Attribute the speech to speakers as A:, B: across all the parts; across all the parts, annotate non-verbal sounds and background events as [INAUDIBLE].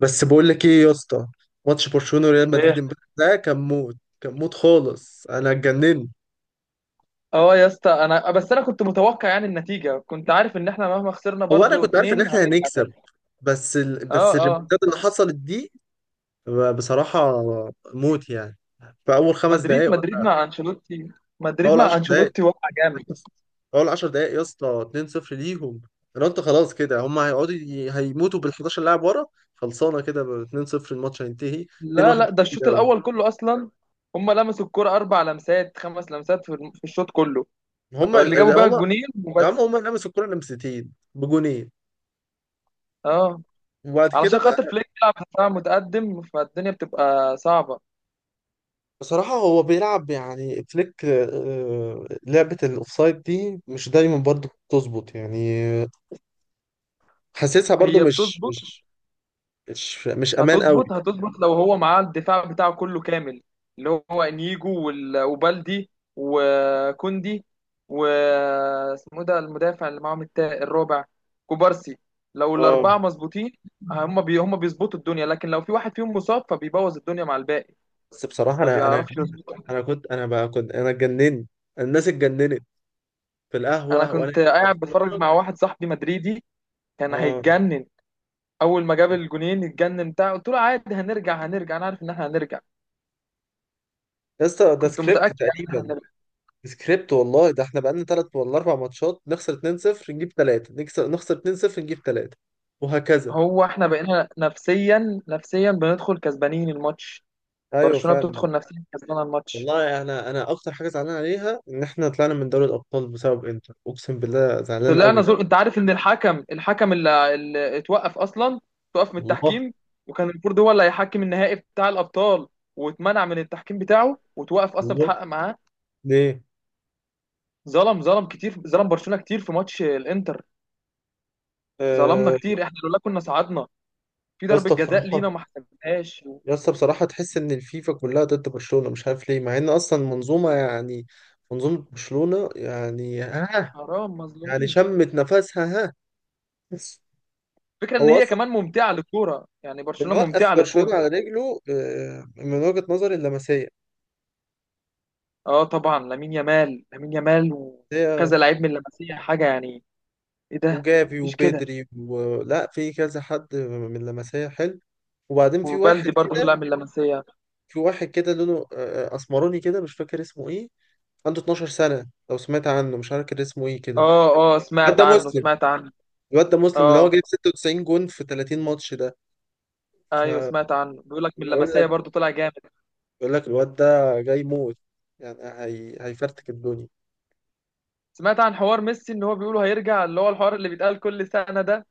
A: بس بقول لك ايه يا اسطى. ماتش برشلونه وريال مدريد
B: ايه.
A: امبارح ده كان موت. كان موت خالص، انا اتجننت.
B: اه يا اسطى، انا بس انا كنت متوقع يعني النتيجه. كنت عارف ان احنا مهما خسرنا
A: هو انا
B: برضو
A: كنت عارف
B: اتنين
A: ان احنا
B: هنرجع
A: هنكسب،
B: تاني.
A: بس ال...
B: اه،
A: بس
B: اه،
A: الريمونتادا اللي حصلت دي بصراحه موت يعني. في اول خمس
B: مدريد
A: دقائق
B: مدريد
A: ولا
B: مع انشيلوتي
A: في
B: مدريد
A: اول
B: مع
A: 10 دقائق،
B: انشيلوتي وقع جامد.
A: في اول 10 دقائق يا اسطى. 2-0 ليهم. انا قلت خلاص كده هم هيموتوا بال 11 لاعب ورا. خلصانه كده ب 2-0 الماتش هينتهي.
B: لا،
A: 2-1
B: لا، ده
A: بالكتير
B: الشوط
A: قوي.
B: الاول كله اصلا. هم لمسوا الكرة اربع لمسات خمس لمسات في الشوط كله.
A: هم
B: اللي جابوا بقى
A: هم
B: الجونين
A: يا عم
B: وبس.
A: هم لمسوا الكوره لمستين بجونين.
B: اه،
A: وبعد كده
B: علشان
A: بقى
B: خاطر فليك بيلعب دفاع متقدم، فالدنيا بتبقى صعبه.
A: بصراحة هو بيلعب يعني فليك، لعبة الأوفسايد دي مش دايما برضو بتظبط يعني. حاسسها برضو
B: هي
A: مش
B: بتظبط.
A: مش مش مش أمان قوي.
B: هتظبط، هتظبط لو هو معاه الدفاع بتاعه كله كامل. اللي هو انيجو وبالدي وكوندي و اسمه ده المدافع اللي معاهم الرابع، كوبارسي. لو
A: اه
B: الاربعه مظبوطين هم بيظبطوا الدنيا. لكن لو في واحد فيهم مصاب فبيبوظ الدنيا مع الباقي،
A: بس بصراحة
B: ما
A: أنا أنا
B: بيعرفش يظبط.
A: أنا كنت، أنا بقى كنت، أنا اتجننت. الناس اتجننت في
B: انا
A: القهوة وأنا
B: كنت
A: قاعد
B: قاعد بتفرج
A: بتفرج.
B: مع واحد صاحبي مدريدي، كان
A: اه
B: هيتجنن. اول ما جاب الجونين اتجنن بتاع. قلت له عادي، هنرجع هنرجع، انا عارف ان احنا هنرجع.
A: يا اسطى ده
B: كنت
A: سكريبت
B: متاكد يعني ان احنا
A: تقريبا.
B: هنرجع.
A: سكريبت والله، ده احنا بقالنا تلات ولا أربع ماتشات نخسر 2-0 نجيب تلاتة، نكسب، نخسر 2-0 نجيب تلاتة وهكذا.
B: هو احنا بقينا نفسيا نفسيا بندخل كسبانين الماتش.
A: أيوه
B: برشلونة
A: فعلا.
B: بتدخل نفسيا كسبانة الماتش.
A: والله انا، اكتر حاجه زعلان عليها ان احنا طلعنا من دوري الابطال بسبب انتر، اقسم بالله زعلان
B: طلعنا
A: قوي.
B: زول. انت عارف ان الحكم اللي اتوقف اصلا، اتوقف من
A: الله.
B: التحكيم. وكان المفروض هو اللي هيحكم النهائي بتاع الابطال، واتمنع من التحكيم بتاعه وتوقف اصلا
A: الله.
B: بتحقق معاه.
A: ليه.
B: ظلم، ظلم كتير، ظلم برشلونة كتير في ماتش الانتر. ظلمنا
A: آه
B: كتير احنا، لولا كنا صعدنا. في
A: يا
B: ضربة
A: اسطى
B: جزاء
A: بصراحه،
B: لينا ما حسبناهاش.
A: يا اسطى بصراحه تحس ان الفيفا كلها ضد برشلونه مش عارف ليه، مع ان اصلا منظومه يعني، منظومه برشلونه يعني ها.
B: حرام،
A: يعني
B: مظلومين.
A: شمت نفسها ها. بس
B: فكرة ان
A: هو
B: هي
A: اصلا
B: كمان ممتعة للكورة، يعني
A: اللي
B: برشلونة
A: وقف
B: ممتعة
A: برشلونه
B: للكورة.
A: على رجله من وجهه نظري اللمسيه.
B: اه طبعا، لامين يامال، لامين يامال
A: هي
B: وكذا لعيب من اللمسيه حاجه يعني. ايه ده.
A: وجافي
B: مفيش كده.
A: وبدري ولا في كذا حد من اللمسيه حلو. وبعدين في واحد
B: وبلدي برضه طلع
A: كده،
B: من اللمسيه.
A: في واحد كده لونه اسمراني كده مش فاكر اسمه ايه. عنده 12 سنة، لو سمعت عنه مش عارف كان اسمه ايه كده.
B: اه، اه،
A: الواد
B: سمعت
A: ده
B: عنه
A: مسلم،
B: سمعت عنه.
A: الواد ده مسلم اللي هو
B: اه
A: جايب 96 جون في 30 ماتش ده.
B: ايوه
A: فبيقول
B: سمعت عنه. بيقول لك من اللمسيه
A: لك،
B: برضه طلع جامد.
A: بيقول لك الواد ده جاي موت يعني، هيفرتك الدنيا.
B: سمعت عن حوار ميسي ان هو بيقولوا هيرجع، اللي هو الحوار اللي بيتقال كل سنه ده.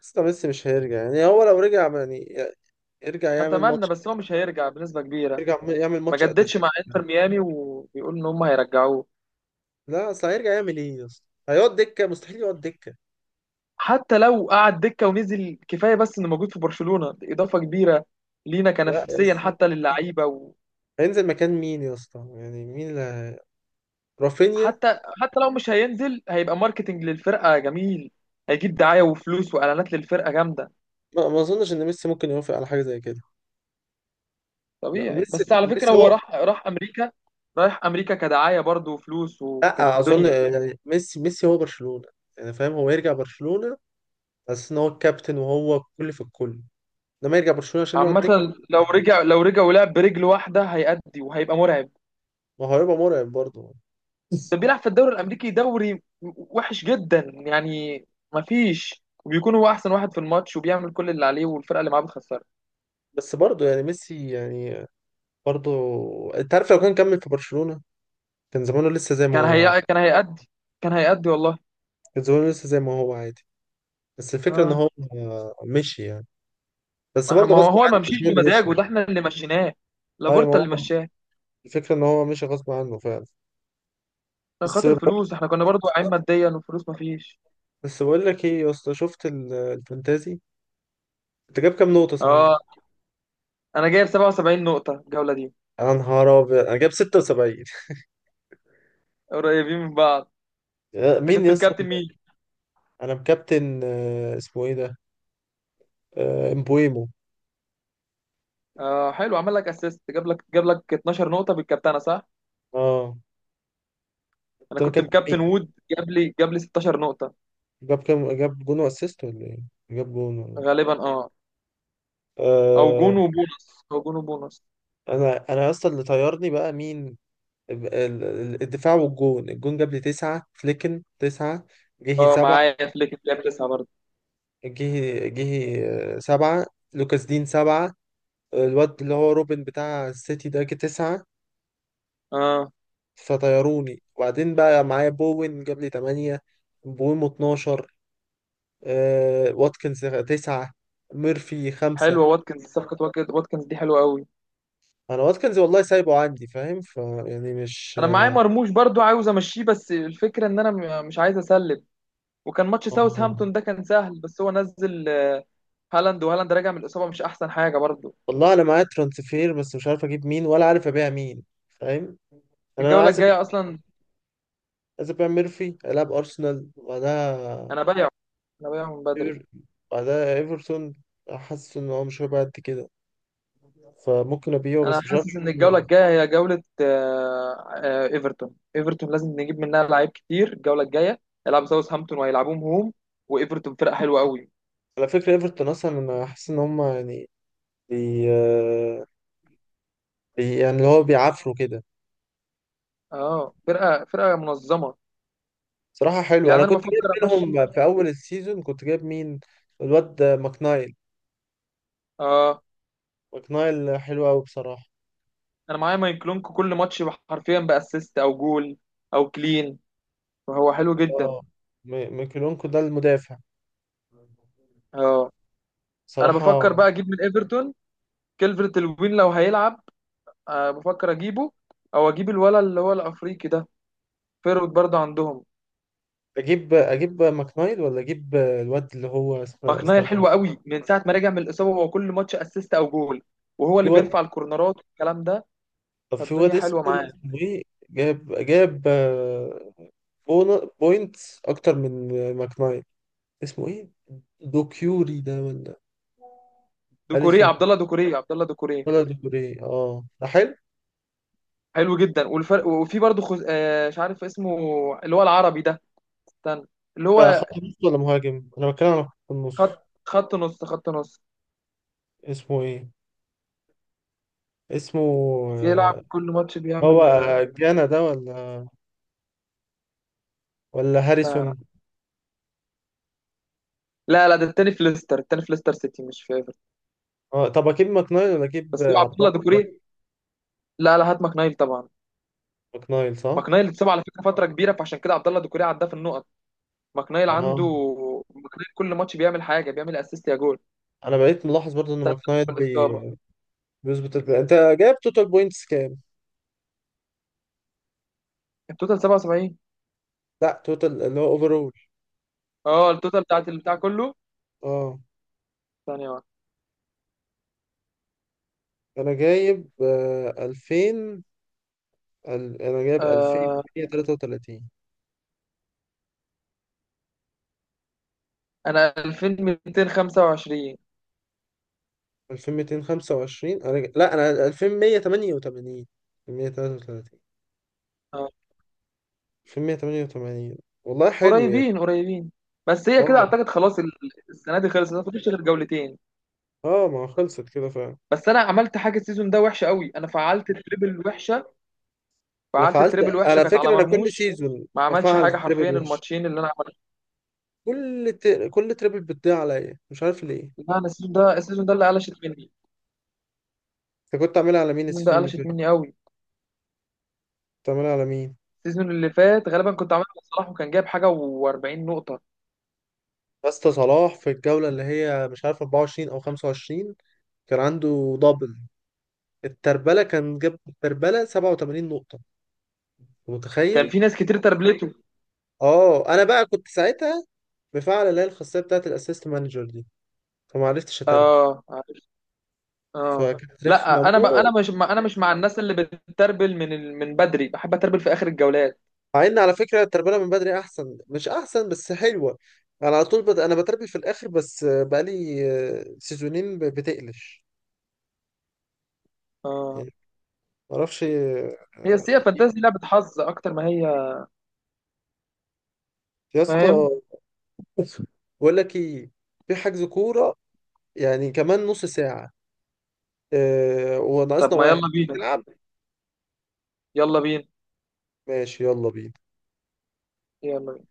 A: بس ده ميسي مش هيرجع، يعني هو لو رجع يعني يرجع يعمل
B: اتمنى،
A: ماتش،
B: بس هو مش هيرجع بنسبه كبيره.
A: يرجع يعمل
B: ما
A: ماتش
B: جددش
A: اعتزال.
B: مع انتر ميامي، وبيقول ان هم هيرجعوه.
A: لا اصل هيرجع يعمل ايه يا اسطى؟ هيقعد دكة؟ مستحيل يقعد دكة.
B: حتى لو قعد دكه ونزل كفايه، بس انه موجود في برشلونه دي اضافه كبيره لينا
A: لا يا
B: كنفسيا
A: اسطى،
B: حتى للعيبه.
A: هينزل مكان مين يا اسطى؟ يعني مين اللي، رافينيا؟
B: حتى حتى لو مش هينزل هيبقى ماركتنج للفرقه جميل. هيجيب دعايه وفلوس واعلانات للفرقه جامده.
A: ما اظنش ان ميسي ممكن يوافق على حاجه زي كده. لا،
B: طبيعي.
A: ميسي
B: بس على فكره
A: ميسي
B: هو
A: هو.
B: راح امريكا. رايح امريكا كدعايه برضه وفلوس وكانت
A: لا اظن.
B: الدنيا.
A: يعني ميسي هو برشلونه، يعني فاهم، هو يرجع برشلونه بس ان هو الكابتن وهو الكل في الكل؟ لما يرجع برشلونه عشان يقعد دكه؟
B: عامه، لو رجع، لو رجع ولعب برجل واحده هيأدي وهيبقى مرعب.
A: ما هو هيبقى مرعب برضه.
B: ده بيلعب في الدوري الامريكي، دوري وحش جدا يعني. مفيش. وبيكون هو احسن واحد في الماتش وبيعمل كل اللي عليه، والفرقه اللي معاه بتخسره.
A: بس برضه يعني ميسي يعني، برضه. انت عارف لو كان كمل في برشلونه كان زمانه لسه زي ما هو عادي،
B: كان هيأدي. كان هيأدي والله.
A: كان زمانه لسه زي ما هو عادي. بس الفكره ان
B: اه،
A: هو مشي يعني، بس
B: ما
A: برضه
B: ما هو
A: غصب
B: هو ما
A: عنه، مش
B: مشيش
A: هو اللي
B: بمزاجه.
A: مشي.
B: ده احنا اللي مشيناه.
A: ايوه
B: لابورتا
A: ما
B: اللي
A: هو،
B: مشاه.
A: الفكره ان هو مشي غصب عنه فعلا.
B: عشان
A: بس،
B: خاطر الفلوس احنا كنا برضو واقعين ماديا، والفلوس ما فيش.
A: بس بقول لك ايه يا اسطى، شفت الفانتازي؟ انت جاب كام نقطة صحيح؟
B: اه، انا جايب 77 نقطة الجولة دي.
A: انا نهار ابيض، انا جاب 76.
B: قريبين من بعض.
A: [LAUGHS]
B: انت
A: مين
B: كنت
A: يا اسطى؟
B: مكابتن مين؟
A: انا مكابتن اسمه ايه ده؟ آه، امبويمو.
B: اه حلو، عمل لك اسيست. جاب لك 12 نقطة بالكابتنة صح؟
A: اه.
B: انا
A: انت
B: كنت
A: مكابتن مين؟
B: مكابتن وود. جاب لي 16 نقطة.
A: جاب كام؟ جاب جون واسيست ولا ايه؟ جاب جون
B: غالبا اه. او
A: آه.
B: جون وبونص او جون وبونص
A: انا يا اسطى اللي طيرني بقى مين؟ الدفاع والجون. الجون جاب لي تسعة، فليكن تسعة، جهي
B: اه
A: سبعة،
B: معايا فليك جاب تسعة برضه.
A: جهي سبعة، لوكاس دين سبعة، الواد اللي هو روبن بتاع السيتي ده جه تسعة،
B: اه
A: فطيروني. وبعدين بقى معايا بوين جاب لي تمانية، بويمو اتناشر، آه واتكنز تسعة، ميرفي خمسة.
B: حلوة واتكنز، صفقة واتكنز دي حلوة قوي.
A: أنا واتكنز والله سايبه عندي فاهم، ف يعني مش،
B: انا معايا مرموش برضو عاوز امشيه، بس الفكره ان انا مش عايز اسلم. وكان ماتش ساوث
A: آه.
B: هامبتون ده كان سهل، بس هو نزل هالاند. وهالاند راجع من الاصابه مش احسن حاجه برضو.
A: والله أنا معايا ترانسفير بس مش عارف أجيب مين ولا عارف أبيع مين، فاهم؟ يعني أنا
B: الجوله
A: عايز أبيع،
B: الجايه اصلا
A: عايز أبيع ميرفي ألعب أرسنال وبعدها
B: انا بايعه. انا بايعه من بدري.
A: إيفر- بعدها إيفرتون. حاسس إن هو مش هيبقى قد كده، فممكن أبيعه
B: انا
A: بس مش عارف
B: حاسس
A: أجيب
B: ان الجوله
A: مين.
B: الجايه هي جوله ايفرتون. ايفرتون لازم نجيب منها لعيب كتير الجوله الجايه. هيلعبوا ساوث هامبتون وهيلعبوهم هوم. وايفرتون فرقه حلوه قوي.
A: على فكرة ايفرتون اصلا لما حاسس ان هم يعني، بي آه، يعني اللي هو بيعافروا كده.
B: اه فرقه منظمه
A: صراحة حلو، انا
B: يعني. انا
A: كنت جايب
B: بفكر امشي.
A: منهم في اول السيزون، كنت جايب مين؟ الواد ده، ماكنايل.
B: اه
A: ماكنايل حلو قوي بصراحة.
B: انا معايا مايكلونكو كل ماتش، حرفيا باسيست او جول او كلين، فهو حلو جدا.
A: اه، ميكيلونكو ده المدافع.
B: اه انا بفكر بقى
A: صراحة،
B: اجيب من ايفرتون كيلفرت الوين لو هيلعب. أه بفكر اجيبه. او اجيب الولا اللي هو الافريقي ده. فيرود برضه عندهم.
A: اجيب ماكنايل ولا اجيب الواد اللي هو اسمه،
B: مقنعي
A: استنى.
B: الحلو قوي، من ساعه ما رجع من الاصابه هو كل ماتش اسيست او جول. وهو
A: في
B: اللي
A: واد،
B: بيرفع الكورنرات والكلام ده.
A: طب في واد
B: فالدنيا حلوه
A: اسمه
B: معاه.
A: اسمه ايه؟ جاب بوينتس اكتر من ماكنايل. اسمه ايه؟ دوكيوري ده ولا
B: دوكوري،
A: اليسون
B: عبد الله دوكوري، عبد الله دوكوري.
A: ولا دوكيوري؟ اه ده حلو.
B: حلو جدا والفرق. وفي برضه خز... آه مش عارف اسمه، اللي هو العربي ده. استنى. اللي
A: ده
B: هو
A: خط نص ولا مهاجم؟ انا بتكلم على خط
B: خط
A: النص.
B: خط نص خط نص
A: اسمه ايه؟ اسمه
B: بيلعب
A: آه،
B: كل ماتش
A: هو
B: بيعمل. لا،
A: جانا ده ولا ولا
B: لا،
A: هاريسون؟
B: لا، لا، ده التاني في ليستر سيتي مش في ايفرتون.
A: اه طب اجيب ماكنايل ولا اجيب
B: بس هو عبد
A: عبد
B: الله
A: الله ده؟
B: ديكوري. لا، لا، هات ماكنايل طبعا.
A: ماكنايل صح.
B: ماكنايل اتصاب على فكره فتره كبيره، فعشان كده عبد الله ديكوري عداه في النقط. ماكنايل عنده.
A: اه
B: ماكنايل كل ماتش بيعمل حاجه، بيعمل اسيست يا جول.
A: انا بقيت ملاحظ برضو ان
B: ساعة
A: ماكنايل
B: من الاصابه.
A: بيظبط البلاي. انت جايب توتال بوينتس كام؟
B: التوتال 77.
A: لا توتال اللي هو اوفرول.
B: اه التوتال بتاعت البتاع كله.
A: اه
B: ثانيه واحده.
A: انا جايب 2000، انا جايب
B: آه
A: 2133.
B: انا 2225.
A: 2225؟ لا انا 2188. 2133.
B: آه.
A: 2188. والله حلو يعني.
B: قريبين قريبين. بس هي كده
A: اه.
B: اعتقد خلاص السنه دي خلصت، ما فيش غير جولتين.
A: اه ما هو خلصت كده فعلا.
B: بس انا عملت حاجه السيزون ده وحشه قوي، انا فعلت التريبل وحشه.
A: انا
B: فعلت
A: فعلت،
B: التريبل وحشه
A: على
B: كانت على
A: فكره انا كل
B: مرموش.
A: سيزون
B: ما عملش
A: بفعل
B: حاجه حرفيا
A: تريبل وحش.
B: الماتشين اللي انا عملته.
A: كل تريبل بتضيع عليا مش عارف ليه.
B: لا انا السيزون ده اللي قلشت مني.
A: انت كنت عاملها على مين
B: السيزون ده
A: السيزون اللي
B: قلشت
A: فات؟
B: مني قوي.
A: كنت عاملها على مين؟
B: السيزون اللي فات غالبا كنت عملت صلاح، وكان جايب حاجه و40 نقطه.
A: يا اسطى صلاح في الجوله اللي هي مش عارف 24 او 25، كان عنده دبل، التربله كان جاب التربله 87 نقطه،
B: كان
A: متخيل؟
B: في ناس كتير تربلته.
A: اه انا بقى كنت ساعتها مفعل اللي هي الخاصيه بتاعت الاسيست مانجر دي، فما عرفتش اتربي،
B: اه عارف. اه
A: فكانت
B: لا
A: رخمه موت.
B: انا مش مع الناس اللي بتتربل من بدري. بحب اتربل في اخر الجولات.
A: مع ان على فكره التربيه من بدري احسن، مش احسن بس حلوه. انا على طول بد... انا بتربي في الاخر بس بقالي سيزونين بتقلش
B: اه
A: يعني، معرفش
B: هي
A: آه.
B: السيئه، فانتازي لعبه حظ اكتر ما هي.
A: يا اسطى
B: فاهم؟
A: بقول لك ايه، في حجز كوره يعني كمان نص ساعه،
B: طب
A: وناقصنا
B: ما
A: واحد،
B: يلا
A: تيجي
B: بينا.
A: تلعب؟
B: يلا بينا.
A: ماشي يلا بينا.
B: يلا بينا.